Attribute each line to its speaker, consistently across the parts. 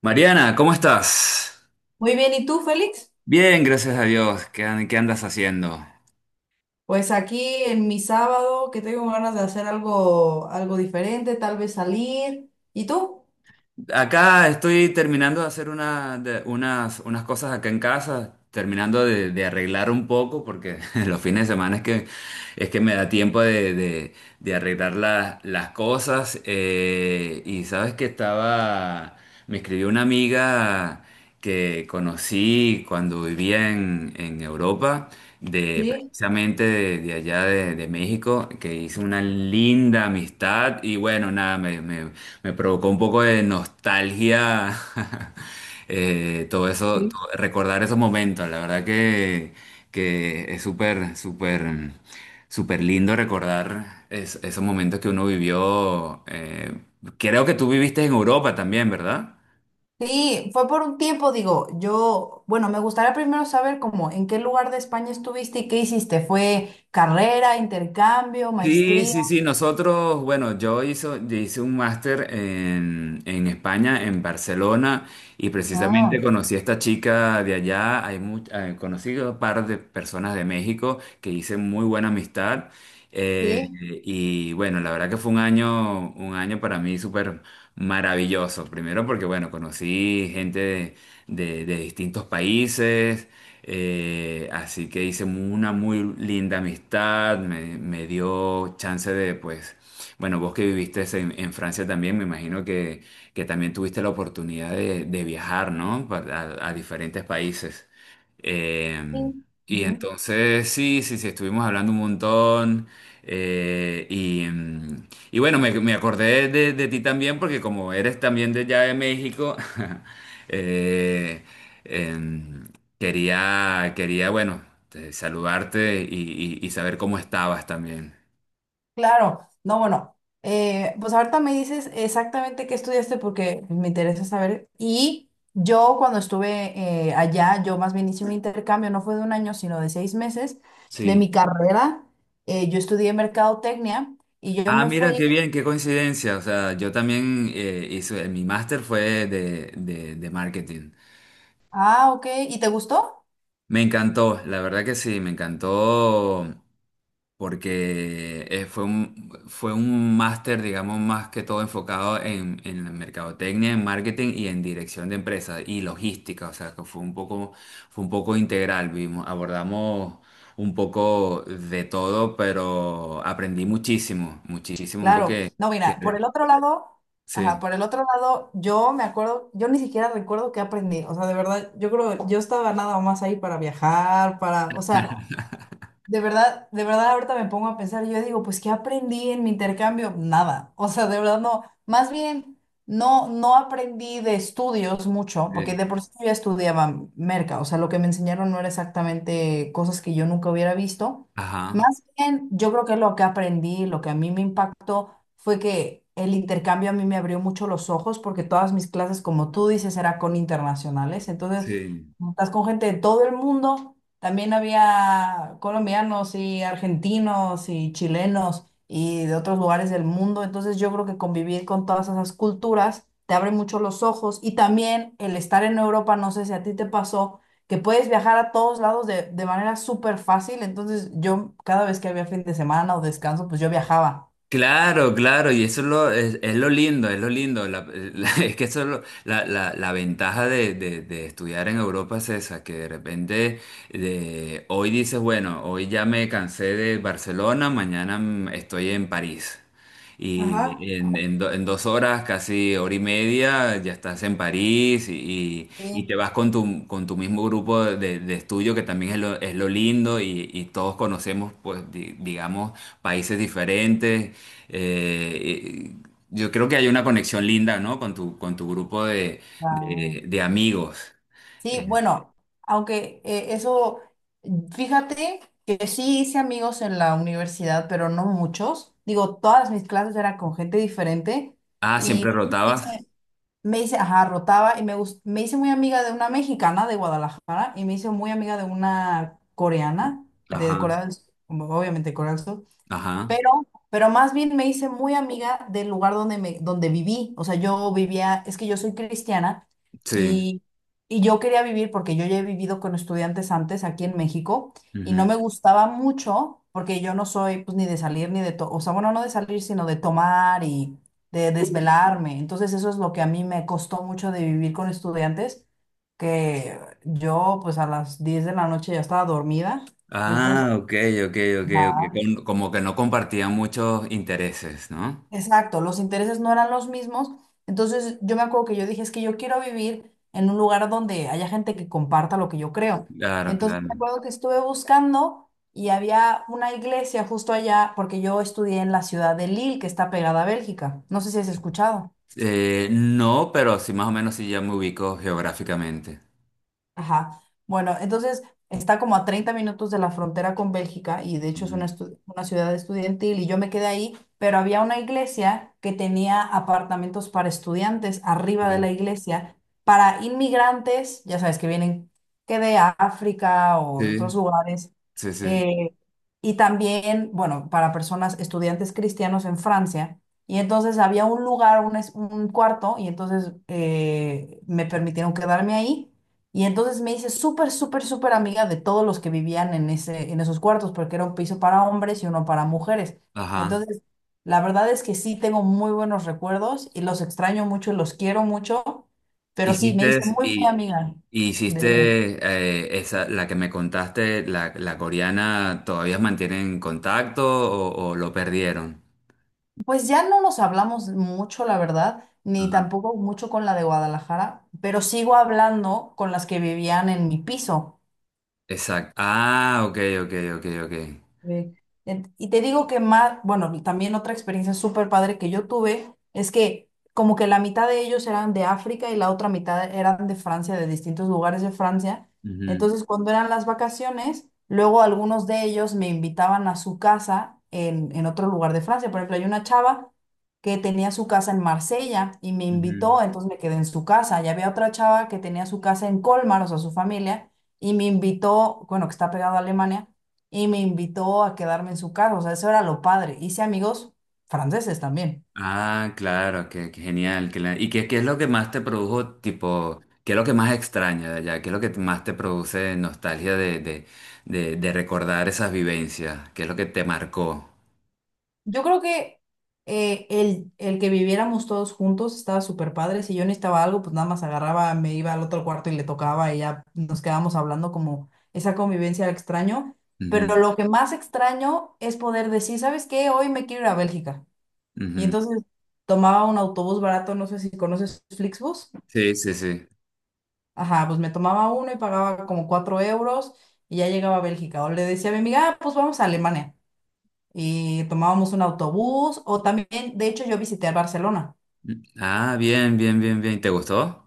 Speaker 1: Mariana, ¿cómo estás?
Speaker 2: Muy bien, ¿y tú, Félix?
Speaker 1: Bien, gracias a Dios. ¿ Qué andas haciendo?
Speaker 2: Pues aquí en mi sábado, que tengo ganas de hacer algo, algo diferente, tal vez salir. ¿Y tú?
Speaker 1: Acá estoy terminando de hacer unas cosas acá en casa, terminando de arreglar un poco, porque los fines de semana es que me da tiempo de arreglar las cosas. Y sabes que estaba, me escribió una amiga que conocí cuando vivía en Europa, de
Speaker 2: Sí,
Speaker 1: precisamente de de México, que hizo una linda amistad y bueno, nada, me provocó un poco de nostalgia.
Speaker 2: sí.
Speaker 1: Recordar esos momentos, la verdad que es súper. Súper lindo recordar esos momentos que uno vivió. Creo que tú viviste en Europa también, ¿verdad?
Speaker 2: Sí, fue por un tiempo, digo, yo, bueno, me gustaría primero saber cómo, en qué lugar de España estuviste y qué hiciste. ¿Fue carrera, intercambio,
Speaker 1: Sí,
Speaker 2: maestría?
Speaker 1: sí, sí, nosotros, bueno, yo hice un máster en España, en Barcelona, y precisamente
Speaker 2: Ah,
Speaker 1: conocí a esta chica de allá, conocí a un par de personas de México que hice muy buena amistad, eh,
Speaker 2: sí.
Speaker 1: y bueno, la verdad que fue un año para mí súper maravilloso, primero porque, bueno, conocí gente de distintos países, así que hice una muy linda amistad, me dio chance de, pues, bueno, vos que viviste en Francia también, me imagino que también tuviste la oportunidad de viajar, ¿no? A diferentes países. Eh,
Speaker 2: Sí.
Speaker 1: y entonces, sí, sí, sí, estuvimos hablando un montón. Y bueno, me acordé de ti también porque como eres también de allá de México, eh, em, Quería, bueno, saludarte y saber cómo estabas también.
Speaker 2: Claro, no, bueno, pues ahorita me dices exactamente qué estudiaste porque me interesa saber. Y yo cuando estuve allá, yo más bien hice un intercambio, no fue de un año, sino de 6 meses de
Speaker 1: Sí.
Speaker 2: mi carrera. Yo estudié mercadotecnia y yo
Speaker 1: Ah,
Speaker 2: me
Speaker 1: mira,
Speaker 2: fui,
Speaker 1: qué bien, qué coincidencia. O sea, yo también hice, mi máster fue de marketing.
Speaker 2: ah, ok, ¿y te gustó?
Speaker 1: Me encantó, la verdad que sí, me encantó porque fue un máster, digamos, más que todo enfocado en la mercadotecnia, en marketing y en dirección de empresas y logística, o sea, que fue un poco integral, vimos, abordamos un poco de todo, pero aprendí muchísimo, muchísimo, mucho
Speaker 2: Claro, no,
Speaker 1: que
Speaker 2: mira, por el otro lado, ajá,
Speaker 1: sí,
Speaker 2: por el otro lado, yo me acuerdo, yo ni siquiera recuerdo qué aprendí, o sea, de verdad, yo creo, yo estaba nada más ahí para viajar, para, o sea... de verdad ahorita me pongo a pensar, yo digo, pues ¿qué aprendí en mi intercambio? Nada, o sea, de verdad no, más bien no aprendí de estudios mucho, porque
Speaker 1: sí,
Speaker 2: de por sí yo ya estudiaba merca, o sea, lo que me enseñaron no era exactamente cosas que yo nunca hubiera visto.
Speaker 1: ajá,
Speaker 2: Más bien, yo creo que lo que aprendí, lo que a mí me impactó fue que el intercambio a mí me abrió mucho los ojos, porque todas mis clases, como tú dices, era con internacionales, entonces,
Speaker 1: sí.
Speaker 2: estás con gente de todo el mundo también había colombianos y argentinos y chilenos y de otros lugares del mundo. Entonces yo creo que convivir con todas esas culturas te abre mucho los ojos y también el estar en Europa, no sé si a ti te pasó, que puedes viajar a todos lados de manera súper fácil. Entonces yo cada vez que había fin de semana o descanso, pues yo viajaba.
Speaker 1: Claro, claro, y eso es lo lindo, es lo lindo. Es que eso es la ventaja de estudiar en Europa es esa, que de repente hoy dices, bueno, hoy ya me cansé de Barcelona, mañana estoy en París.
Speaker 2: Ajá.
Speaker 1: Y en dos horas, casi hora y media, ya estás en París y te
Speaker 2: Sí.
Speaker 1: vas con tu mismo grupo de estudio, que también es lo lindo y todos conocemos, pues, digamos, países diferentes. Eh, y- yo creo que hay una conexión linda, ¿no? Con tu grupo
Speaker 2: Ah,
Speaker 1: de amigos. Eh,
Speaker 2: sí, bueno, aunque eso, fíjate que sí hice amigos en la universidad, pero no muchos. Digo, todas mis clases eran con gente diferente
Speaker 1: ah, siempre
Speaker 2: y
Speaker 1: rotabas.
Speaker 2: me hice, ajá, rotaba y me, me hice muy amiga de una mexicana de Guadalajara y me hice muy amiga de una coreana
Speaker 1: Ajá,
Speaker 2: de Corea del Sur, como obviamente Corea del Sur.
Speaker 1: ajá,
Speaker 2: Pero más bien me hice muy amiga del lugar donde, me, donde viví. O sea, yo vivía, es que yo soy cristiana
Speaker 1: sí.
Speaker 2: y, y yo quería vivir porque yo ya he vivido con estudiantes antes aquí en México y no me gustaba mucho porque yo no soy pues ni de salir ni de, o sea, bueno, no de salir, sino de tomar y de desvelarme. Entonces eso es lo que a mí me costó mucho de vivir con estudiantes, que yo pues a las 10 de la noche ya estaba dormida. Entonces,
Speaker 1: Ah, ok, ok, ok, ok.
Speaker 2: ajá.
Speaker 1: Como que no compartían muchos intereses, ¿no?
Speaker 2: Exacto, los intereses no eran los mismos. Entonces yo me acuerdo que yo dije, es que yo quiero vivir en un lugar donde haya gente que comparta lo que yo creo.
Speaker 1: Claro,
Speaker 2: Entonces me
Speaker 1: claro.
Speaker 2: acuerdo que estuve buscando y había una iglesia justo allá, porque yo estudié en la ciudad de Lille, que está pegada a Bélgica. No sé si has escuchado.
Speaker 1: No, pero sí, más o menos sí ya me ubico geográficamente.
Speaker 2: Ajá. Bueno, entonces está como a 30 minutos de la frontera con Bélgica y de hecho es una,
Speaker 1: Ujú.
Speaker 2: una ciudad estudiantil y yo me quedé ahí, pero había una iglesia que tenía apartamentos para estudiantes arriba de
Speaker 1: Sí,
Speaker 2: la iglesia, para inmigrantes, ya sabes, que vienen que de África o de
Speaker 1: sí,
Speaker 2: otros lugares,
Speaker 1: sí, sí.
Speaker 2: eh, y también, bueno, para personas, estudiantes cristianos en Francia. Y entonces había un lugar, un, un cuarto, y entonces me permitieron quedarme ahí. Y entonces me hice súper, súper, súper amiga de todos los que vivían en ese, en esos cuartos, porque era un piso para hombres y uno para mujeres.
Speaker 1: Ajá.
Speaker 2: Entonces, la verdad es que sí tengo muy buenos recuerdos y los extraño mucho y los quiero mucho, pero sí, me hice
Speaker 1: Hiciste,
Speaker 2: muy, muy
Speaker 1: y,
Speaker 2: amiga
Speaker 1: y
Speaker 2: de
Speaker 1: hiciste
Speaker 2: ellos.
Speaker 1: esa, la que me contaste, la coreana, ¿todavía mantienen contacto o lo perdieron?
Speaker 2: Pues ya no nos hablamos mucho, la verdad, ni
Speaker 1: Ajá.
Speaker 2: tampoco mucho con la de Guadalajara, pero sigo hablando con las que vivían en mi piso.
Speaker 1: Exacto. Ah, ok, ok, ok, ok.
Speaker 2: Sí. Y te digo que más, bueno, y también otra experiencia súper padre que yo tuve es que como que la mitad de ellos eran de África y la otra mitad eran de Francia, de distintos lugares de Francia.
Speaker 1: Ujú,
Speaker 2: Entonces, cuando eran las vacaciones, luego algunos de ellos me invitaban a su casa en otro lugar de Francia. Por ejemplo, hay una chava que tenía su casa en Marsella y me
Speaker 1: ujú.
Speaker 2: invitó, entonces me quedé en su casa. Y había otra chava que tenía su casa en Colmar, o sea, su familia, y me invitó, bueno, que está pegado a Alemania y me invitó a quedarme en su casa, o sea, eso era lo padre. Hice amigos franceses también.
Speaker 1: Ah, claro, qué, qué genial. ¿Y qué, qué es lo que más te produjo, tipo, qué es lo que más extraña de allá? ¿Qué es lo que más te produce nostalgia de, recordar esas vivencias? ¿Qué es lo que te marcó?
Speaker 2: Yo creo que el que viviéramos todos juntos estaba súper padre. Si yo necesitaba algo, pues nada más agarraba, me iba al otro cuarto y le tocaba y ya nos quedábamos hablando como esa convivencia la extraño.
Speaker 1: Ujú,
Speaker 2: Pero lo que más extraño es poder decir, ¿sabes qué? Hoy me quiero ir a Bélgica. Y
Speaker 1: ujú.
Speaker 2: entonces tomaba un autobús barato, no sé si conoces Flixbus.
Speaker 1: Sí, sí, sí.
Speaker 2: Ajá, pues me tomaba uno y pagaba como 4 euros y ya llegaba a Bélgica. O le decía a mi amiga, "Ah, pues vamos a Alemania". Y tomábamos un autobús o también, de hecho, yo visité Barcelona.
Speaker 1: Ah, bien, bien, bien, bien. ¿Te gustó?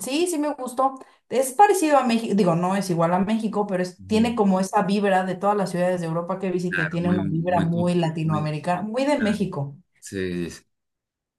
Speaker 2: Sí, sí me gustó. Es parecido a México, digo, no es igual a México, pero
Speaker 1: Ujú.
Speaker 2: tiene como esa vibra de todas las ciudades de Europa que visité,
Speaker 1: Claro,
Speaker 2: tiene
Speaker 1: muy,
Speaker 2: una vibra
Speaker 1: muy,
Speaker 2: muy
Speaker 1: muy,
Speaker 2: latinoamericana, muy de
Speaker 1: claro.
Speaker 2: México.
Speaker 1: Sí, sí,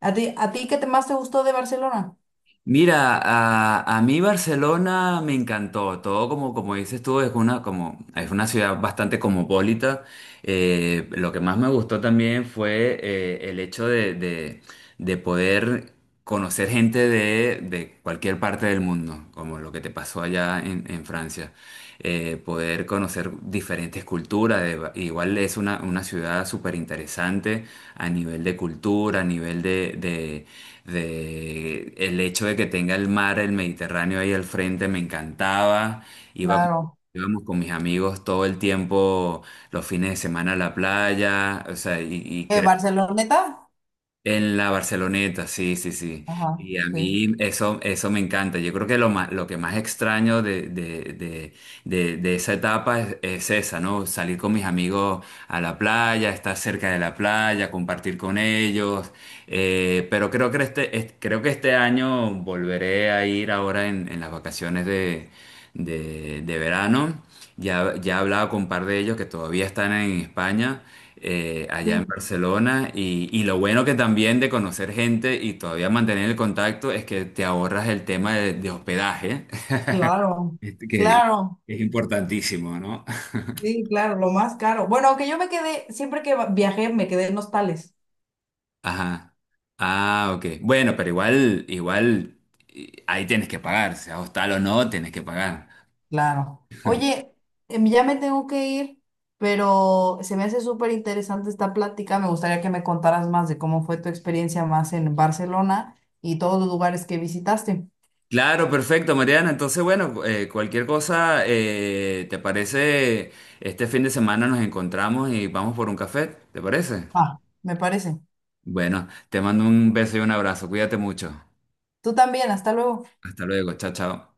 Speaker 2: A ti qué te más te gustó de Barcelona?
Speaker 1: mira, a mí Barcelona me encantó, todo como, como dices tú, es una, como, es una ciudad bastante cosmopolita. Lo que más me gustó también fue el hecho de poder conocer gente de cualquier parte del mundo, como lo que te pasó allá en Francia poder conocer diferentes culturas. Igual es una ciudad súper interesante a nivel de cultura, a nivel el hecho de que tenga el mar, el Mediterráneo ahí al frente, me encantaba. Iba,
Speaker 2: Claro.
Speaker 1: Íbamos con mis amigos todo el tiempo, los fines de semana a la playa, o sea, y
Speaker 2: ¿Eh,
Speaker 1: creo
Speaker 2: Barceloneta?
Speaker 1: en la Barceloneta, sí, sí, sí.
Speaker 2: Ajá,
Speaker 1: Y a
Speaker 2: sí.
Speaker 1: mí eso, eso me encanta. Yo creo que lo más, lo que más extraño de esa etapa es esa, ¿no? Salir con mis amigos a la playa, estar cerca de la playa, compartir con ellos. Pero creo que creo que este año volveré a ir ahora en las vacaciones de verano. Ya, ya he hablado con un par de ellos que todavía están en España allá en
Speaker 2: Sí,
Speaker 1: Barcelona. Y lo bueno que también de conocer gente y todavía mantener el contacto es que te ahorras el tema de hospedaje,
Speaker 2: claro,
Speaker 1: este, que
Speaker 2: claro.
Speaker 1: es importantísimo, ¿no?
Speaker 2: Sí, claro, lo más caro. Bueno, aunque yo me quedé, siempre que viajé, me quedé en hostales.
Speaker 1: Ajá. Ah, ok. Bueno, pero igual, igual ahí tienes que pagar, sea hostal o no, tienes que pagar.
Speaker 2: Claro. Oye, ya me tengo que ir, pero se me hace súper interesante esta plática. Me gustaría que me contaras más de cómo fue tu experiencia más en Barcelona y todos los lugares que visitaste.
Speaker 1: Claro, perfecto, Mariana. Entonces, bueno, cualquier cosa, ¿te parece? Este fin de semana nos encontramos y vamos por un café, ¿te parece?
Speaker 2: Ah, me parece.
Speaker 1: Bueno, te mando un beso y un abrazo. Cuídate mucho.
Speaker 2: Tú también, hasta luego.
Speaker 1: Hasta luego. Chao, chao.